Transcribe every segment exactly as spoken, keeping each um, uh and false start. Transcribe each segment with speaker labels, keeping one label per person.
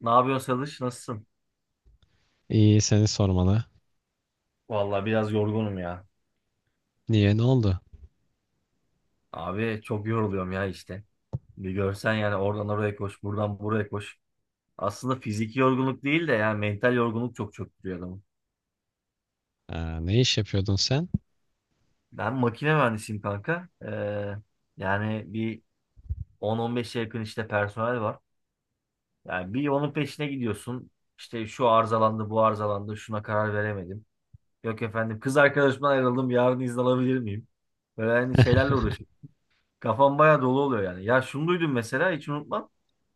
Speaker 1: Ne yapıyorsun Salış? Nasılsın?
Speaker 2: İyi seni sormalı.
Speaker 1: Vallahi biraz yorgunum ya.
Speaker 2: Niye, ne oldu?
Speaker 1: Abi çok yoruluyorum ya işte. Bir görsen yani oradan oraya koş, buradan buraya koş. Aslında fiziki yorgunluk değil de yani mental yorgunluk çok çöktürüyor adamı.
Speaker 2: Ha, ne iş yapıyordun sen?
Speaker 1: Ben makine mühendisiyim kanka. Ee, yani bir on on beşe yakın işte personel var. Yani bir onun peşine gidiyorsun. İşte şu arızalandı, bu arızalandı, şuna karar veremedim. Yok efendim kız arkadaşımdan ayrıldım, yarın izin alabilir miyim? Böyle hani şeylerle uğraşıyorum. Kafam bayağı dolu oluyor yani. Ya şunu duydum mesela hiç unutmam.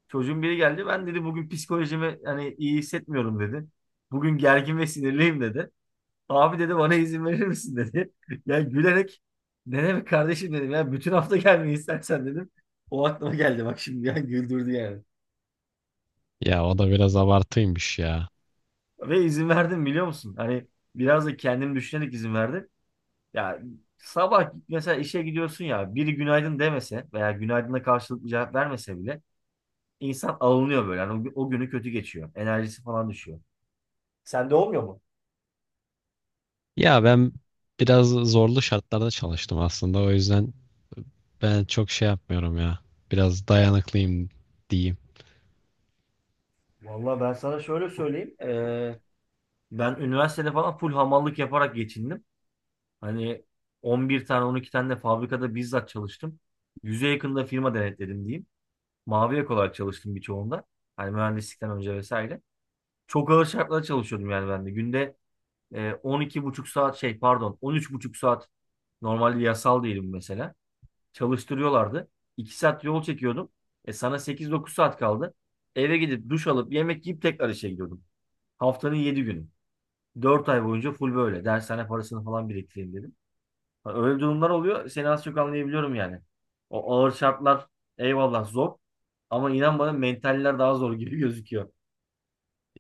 Speaker 1: Çocuğun biri geldi. Ben dedi bugün psikolojimi hani iyi hissetmiyorum dedi. Bugün gergin ve sinirliyim dedi. Abi dedi bana izin verir misin dedi. Ya gülerek ne demek kardeşim dedim ya bütün hafta gelmeyi istersen dedim. O aklıma geldi bak şimdi ya güldürdü yani.
Speaker 2: Ya o da biraz abartıymış ya.
Speaker 1: Ve izin verdim biliyor musun? Hani biraz da kendim düşünerek izin verdim. Ya sabah mesela işe gidiyorsun ya biri günaydın demese veya günaydına karşılıklı cevap vermese bile insan alınıyor böyle. Yani o, o günü kötü geçiyor. Enerjisi falan düşüyor. Sende olmuyor mu?
Speaker 2: Ya ben biraz zorlu şartlarda çalıştım aslında. O yüzden ben çok şey yapmıyorum ya. Biraz dayanıklıyım diyeyim.
Speaker 1: Vallahi ben sana şöyle söyleyeyim. Ee, ben üniversitede falan full hamallık yaparak geçindim. Hani on bir tane on iki tane de fabrikada bizzat çalıştım. Yüze yakında firma denetledim diyeyim. Mavi yakalı olarak çalıştım birçoğunda. Hani mühendislikten önce vesaire. Çok ağır şartlarda çalışıyordum yani ben de. Günde e, on iki buçuk saat şey pardon on üç buçuk saat normalde yasal değilim mesela. Çalıştırıyorlardı. iki saat yol çekiyordum. E sana sekiz dokuz saat kaldı. Eve gidip duş alıp yemek yiyip tekrar işe gidiyordum. Haftanın yedi günü. Dört ay boyunca full böyle. Dershane parasını falan biriktireyim dedim. Ha, öyle durumlar oluyor. Seni az çok anlayabiliyorum yani. O ağır şartlar eyvallah zor. Ama inan bana mentaller daha zor gibi gözüküyor.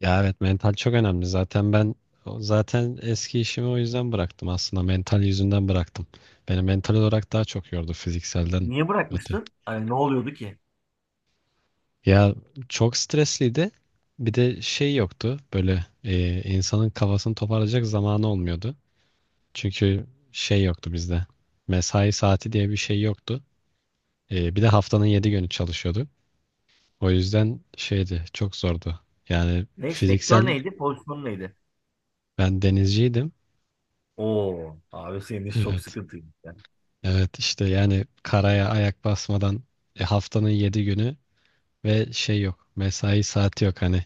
Speaker 2: Ya evet, mental çok önemli. Zaten ben zaten eski işimi o yüzden bıraktım aslında. Mental yüzünden bıraktım. Beni mental olarak daha çok yordu fizikselden
Speaker 1: Niye
Speaker 2: öte.
Speaker 1: bırakmıştın? Hani ne oluyordu ki?
Speaker 2: Ya çok stresliydi. Bir de şey yoktu. Böyle e, insanın kafasını toparlayacak zamanı olmuyordu. Çünkü şey yoktu bizde. Mesai saati diye bir şey yoktu. E, bir de haftanın yedi günü çalışıyorduk. O yüzden şeydi, çok zordu. Yani
Speaker 1: Ne, sektör
Speaker 2: fiziksel
Speaker 1: neydi? Pozisyon neydi?
Speaker 2: ben denizciydim.
Speaker 1: Oo, abi senin iş çok
Speaker 2: Evet.
Speaker 1: sıkıntıymış ya.
Speaker 2: Evet işte, yani karaya ayak basmadan e, haftanın yedi günü ve şey yok. Mesai saati yok hani.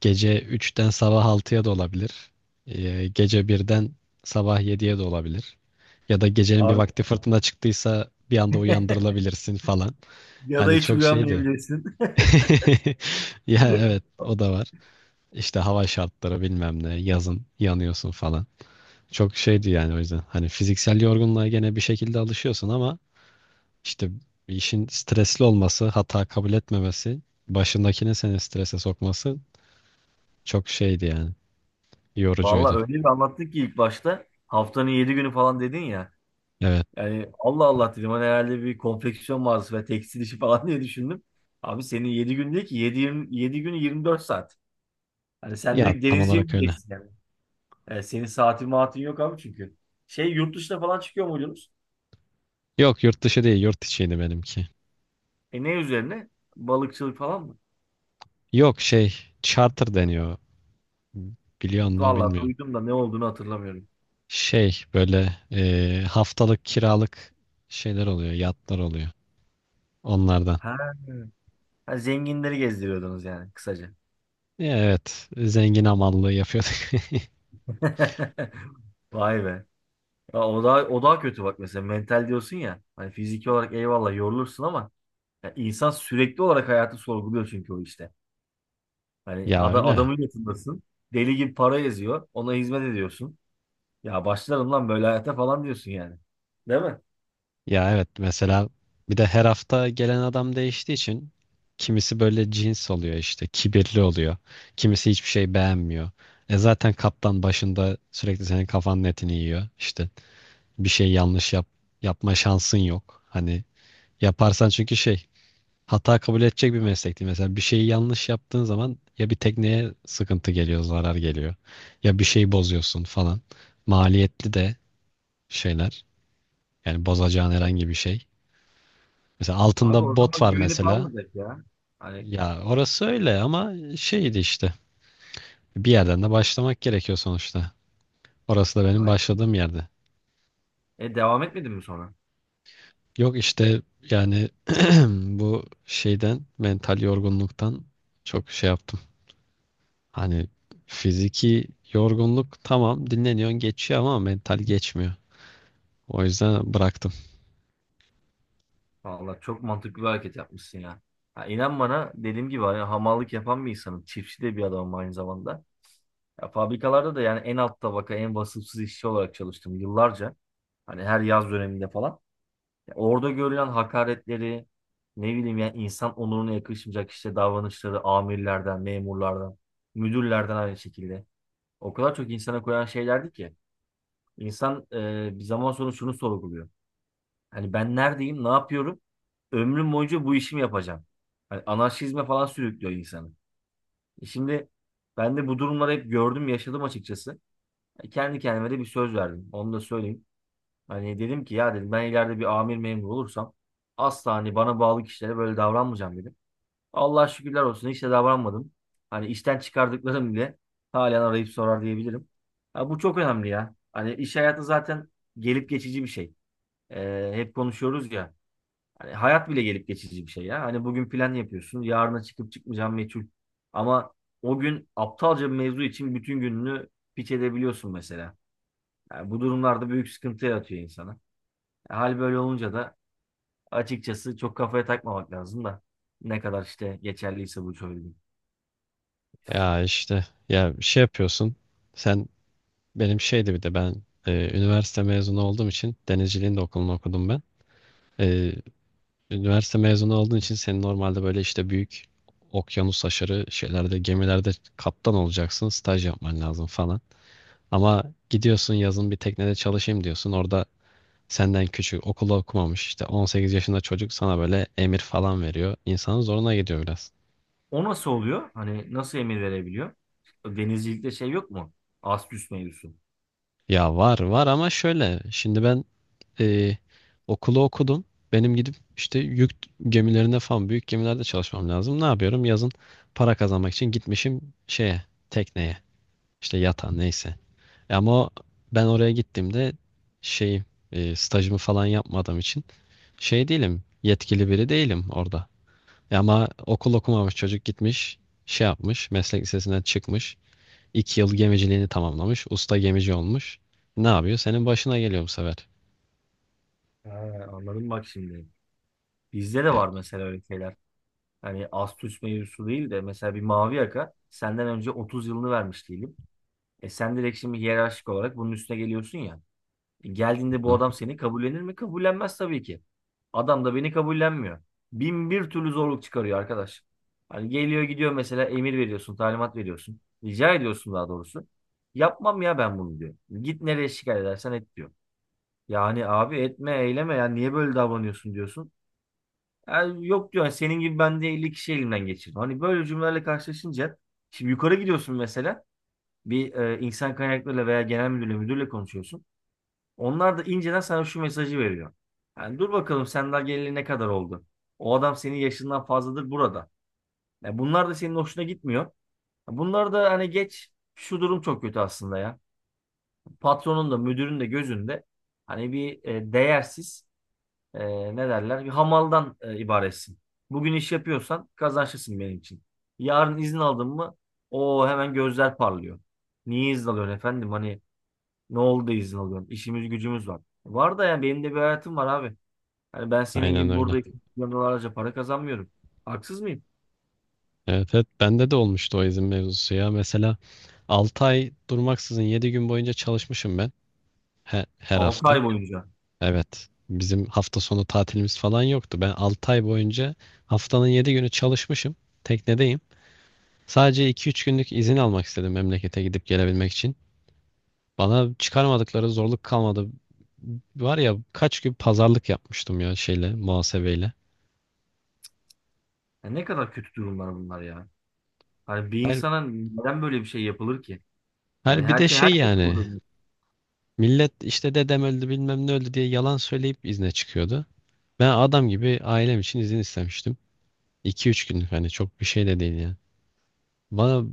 Speaker 2: Gece üçten sabah altıya da olabilir. Ee, gece birden sabah yediye de olabilir. Ya da gecenin bir
Speaker 1: Abi
Speaker 2: vakti fırtına çıktıysa bir anda uyandırılabilirsin falan.
Speaker 1: ya da
Speaker 2: Hani
Speaker 1: hiç
Speaker 2: çok şeydi.
Speaker 1: uyanmayabilirsin.
Speaker 2: Ya evet, o da var. İşte hava şartları bilmem ne, yazın yanıyorsun falan. Çok şeydi yani, o yüzden. Hani fiziksel yorgunluğa gene bir şekilde alışıyorsun ama işte işin stresli olması, hata kabul etmemesi, başındakini seni strese sokması çok şeydi yani.
Speaker 1: Vallahi
Speaker 2: Yorucuydu.
Speaker 1: öyle bir anlattın ki ilk başta. Haftanın yedi günü falan dedin ya.
Speaker 2: Evet.
Speaker 1: Yani Allah Allah dedim hani herhalde bir konfeksiyon mağazası ve tekstil işi falan diye düşündüm. Abi senin yedi gün değil ki yedi 7 gün yirmi dört saat. Hani sen
Speaker 2: Ya
Speaker 1: direkt
Speaker 2: tam
Speaker 1: denizciye mi
Speaker 2: olarak öyle.
Speaker 1: gideceksin yani? Yani senin saatin maatin yok abi çünkü. Şey yurt dışına falan çıkıyor muydunuz?
Speaker 2: Yok, yurt dışı değil, yurt içiydi benimki.
Speaker 1: E ne üzerine? Balıkçılık falan mı?
Speaker 2: Yok şey, charter deniyor. Biliyor mu
Speaker 1: Vallahi
Speaker 2: bilmiyorum.
Speaker 1: duydum da ne olduğunu hatırlamıyorum.
Speaker 2: Şey böyle e, haftalık kiralık şeyler oluyor. Yatlar oluyor. Onlardan.
Speaker 1: Ha, ha, zenginleri gezdiriyordunuz yani kısaca.
Speaker 2: Ya evet, zengin amallığı yapıyorduk.
Speaker 1: Vay be. Ya o daha, o daha kötü bak mesela mental diyorsun ya. Hani fiziki olarak eyvallah yorulursun ama ya insan sürekli olarak hayatı sorguluyor çünkü o işte. Hani
Speaker 2: Ya
Speaker 1: ada,
Speaker 2: öyle.
Speaker 1: adamın yatındasın. Deli gibi para eziyor. Ona hizmet ediyorsun. Ya başlarım lan böyle hayata falan diyorsun yani. Değil mi?
Speaker 2: Ya evet, mesela bir de her hafta gelen adam değiştiği için kimisi böyle cins oluyor işte, kibirli oluyor. Kimisi hiçbir şey beğenmiyor. E zaten kaptan başında sürekli senin kafanın etini yiyor işte. Bir şey yanlış yap yapma şansın yok. Hani yaparsan çünkü şey, hata kabul edecek bir meslek değil. Mesela bir şeyi yanlış yaptığın zaman ya bir tekneye sıkıntı geliyor, zarar geliyor. Ya bir şeyi bozuyorsun falan. Maliyetli de şeyler. Yani bozacağın
Speaker 1: E,
Speaker 2: herhangi bir şey. Mesela
Speaker 1: abi
Speaker 2: altında
Speaker 1: o
Speaker 2: bot
Speaker 1: zaman
Speaker 2: var
Speaker 1: güvenip
Speaker 2: mesela.
Speaker 1: almayacak ya. Hani
Speaker 2: Ya orası öyle ama şeydi işte. Bir yerden de başlamak gerekiyor sonuçta. Orası da benim
Speaker 1: aynen.
Speaker 2: başladığım yerde.
Speaker 1: E devam etmedin mi sonra?
Speaker 2: Yok işte yani bu şeyden, mental yorgunluktan çok şey yaptım. Hani fiziki yorgunluk tamam, dinleniyorsun geçiyor ama mental geçmiyor. O yüzden bıraktım.
Speaker 1: Vallahi çok mantıklı bir hareket yapmışsın ya. Ha, inan bana dediğim gibi hani hamallık yapan bir insanım. Çiftçi de bir adamım aynı zamanda. Ya, fabrikalarda da yani en alt tabaka en vasıfsız işçi olarak çalıştım yıllarca. Hani her yaz döneminde falan. Ya orada görülen hakaretleri ne bileyim yani insan onuruna yakışmayacak işte davranışları amirlerden, memurlardan, müdürlerden aynı şekilde. O kadar çok insana koyan şeylerdi ki insan e, bir zaman sonra şunu sorguluyor. Hani ben neredeyim, ne yapıyorum? Ömrüm boyunca bu işimi yapacağım. Hani anarşizme falan sürüklüyor insanı. E şimdi ben de bu durumları hep gördüm, yaşadım açıkçası. E, Kendi kendime de bir söz verdim. Onu da söyleyeyim. Hani dedim ki ya dedim ben ileride bir amir memur olursam asla hani bana bağlı kişilere böyle davranmayacağım dedim. Allah şükürler olsun hiç de davranmadım. Hani işten çıkardıklarım bile halen arayıp sorar diyebilirim. Ha, bu çok önemli ya. Hani iş hayatı zaten gelip geçici bir şey. Ee, hep konuşuyoruz ya. Hani hayat bile gelip geçici bir şey ya. Hani bugün plan yapıyorsun. Yarına çıkıp çıkmayacağın meçhul. Ama o gün aptalca bir mevzu için bütün gününü piç edebiliyorsun mesela. Yani bu durumlarda büyük sıkıntı yaratıyor insana. Hal böyle olunca da açıkçası çok kafaya takmamak lazım da ne kadar işte geçerliyse bu söylediğim.
Speaker 2: Ya işte, ya şey yapıyorsun. Sen benim şeydi, bir de ben e, üniversite mezunu olduğum için denizciliğin de okulunu okudum ben. E, üniversite mezunu olduğun için senin normalde böyle işte büyük okyanus aşırı şeylerde, gemilerde kaptan olacaksın, staj yapman lazım falan. Ama gidiyorsun yazın, bir teknede çalışayım diyorsun. Orada senden küçük, okulu okumamış işte on sekiz yaşında çocuk sana böyle emir falan veriyor. İnsanın zoruna gidiyor biraz.
Speaker 1: O nasıl oluyor? Hani nasıl emir verebiliyor? Denizcilikte şey yok mu? Astüs mevzusu.
Speaker 2: Ya var var ama şöyle. Şimdi ben e, okulu okudum. Benim gidip işte yük gemilerinde falan, büyük gemilerde çalışmam lazım. Ne yapıyorum? Yazın para kazanmak için gitmişim şeye, tekneye, işte yata, neyse. E ama o- ben oraya gittiğimde şey, e, stajımı falan yapmadığım için şey değilim, yetkili biri değilim orada. E ama okul okumamış çocuk gitmiş, şey yapmış, meslek lisesinden çıkmış, iki yıl gemiciliğini tamamlamış, usta gemici olmuş. Ne yapıyor? Senin başına geliyor bu sefer.
Speaker 1: Ha, anladım bak şimdi. Bizde de
Speaker 2: Ya,
Speaker 1: var mesela öyle şeyler. Hani astüs mevzusu değil de mesela bir mavi yaka senden önce otuz yılını vermiş diyelim. E sen direkt şimdi hiyerarşik olarak bunun üstüne geliyorsun ya. Geldiğinde bu
Speaker 2: hı,
Speaker 1: adam seni kabullenir mi? Kabullenmez tabii ki. Adam da beni kabullenmiyor. Bin bir türlü zorluk çıkarıyor arkadaş. Hani geliyor gidiyor mesela emir veriyorsun, talimat veriyorsun. Rica ediyorsun daha doğrusu. Yapmam ya ben bunu diyor. Git nereye şikayet edersen et diyor. Yani abi etme eyleme ya niye böyle davranıyorsun diyorsun. Yani yok diyor yani senin gibi ben de elli kişi elimden geçirdim. Hani böyle cümlelerle karşılaşınca şimdi yukarı gidiyorsun mesela bir e, insan kaynaklarıyla veya genel müdürle müdürle konuşuyorsun. Onlar da inceden sana şu mesajı veriyor. Yani dur bakalım sen daha geleli ne kadar oldu? O adam senin yaşından fazladır burada. Ya bunlar da senin hoşuna gitmiyor. Ya bunlar da hani geç şu durum çok kötü aslında ya. Patronun da müdürün de gözünde hani bir e, değersiz e, ne derler bir hamaldan e, ibaretsin. Bugün iş yapıyorsan kazançlısın benim için. Yarın izin aldın mı o hemen gözler parlıyor. Niye izin alıyorsun efendim? Hani ne oldu da izin alıyorum? İşimiz gücümüz var. Var da yani benim de bir hayatım var abi. Hani ben senin
Speaker 2: aynen
Speaker 1: gibi
Speaker 2: öyle.
Speaker 1: burada milyonlarca para kazanmıyorum. Haksız mıyım?
Speaker 2: Evet, evet, bende de olmuştu o izin mevzusu ya. Mesela altı ay durmaksızın yedi gün boyunca çalışmışım ben he- her
Speaker 1: altı
Speaker 2: hafta.
Speaker 1: ay boyunca.
Speaker 2: Evet. Bizim hafta sonu tatilimiz falan yoktu. Ben altı ay boyunca haftanın yedi günü çalışmışım. Teknedeyim. Sadece iki üç günlük izin almak istedim memlekete gidip gelebilmek için. Bana çıkarmadıkları zorluk kalmadı. Var ya, kaç gün pazarlık yapmıştım ya şeyle, muhasebeyle.
Speaker 1: Ya ne kadar kötü durumlar bunlar ya. Hani bir
Speaker 2: Her,
Speaker 1: insana neden böyle bir şey yapılır ki? Yani
Speaker 2: her bir de
Speaker 1: herke
Speaker 2: şey
Speaker 1: herkes
Speaker 2: yani,
Speaker 1: burada.
Speaker 2: millet işte dedem öldü bilmem ne öldü diye yalan söyleyip izne çıkıyordu. Ben adam gibi ailem için izin istemiştim. İki üç günlük, hani çok bir şey de değil yani. Bana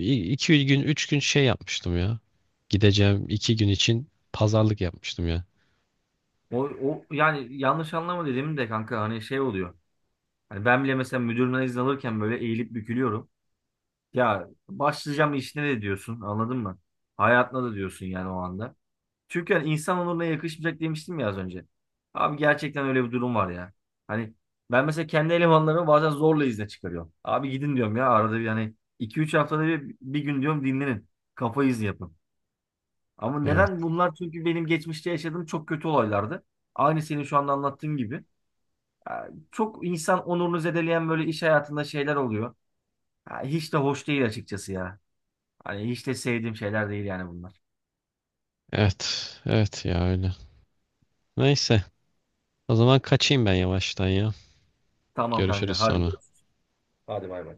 Speaker 2: iki gün üç gün şey yapmıştım ya. Gideceğim iki gün için pazarlık yapmıştım ya.
Speaker 1: O, o yani yanlış anlama dedim de kanka hani şey oluyor. Hani ben bile mesela müdürümden izin alırken böyle eğilip bükülüyorum. Ya başlayacağım işine de diyorsun anladın mı? Hayatına da diyorsun yani o anda. Çünkü hani insan onuruna yakışmayacak demiştim ya az önce. Abi gerçekten öyle bir durum var ya. Hani ben mesela kendi elemanlarımı bazen zorla izne çıkarıyorum. Abi gidin diyorum ya arada bir hani iki üç haftada bir, bir gün diyorum dinlenin. Kafa izni yapın. Ama
Speaker 2: Evet.
Speaker 1: neden bunlar? Çünkü benim geçmişte yaşadığım çok kötü olaylardı. Aynı senin şu anda anlattığın gibi. Ya, çok insan onurunu zedeleyen böyle iş hayatında şeyler oluyor. Ya, hiç de hoş değil açıkçası ya. Hani hiç de sevdiğim şeyler değil yani bunlar.
Speaker 2: Evet. Evet ya, öyle. Neyse. O zaman kaçayım ben yavaştan ya.
Speaker 1: Tamam
Speaker 2: Görüşürüz
Speaker 1: kanka hadi,
Speaker 2: sonra.
Speaker 1: görüşürüz. Hadi bay bay.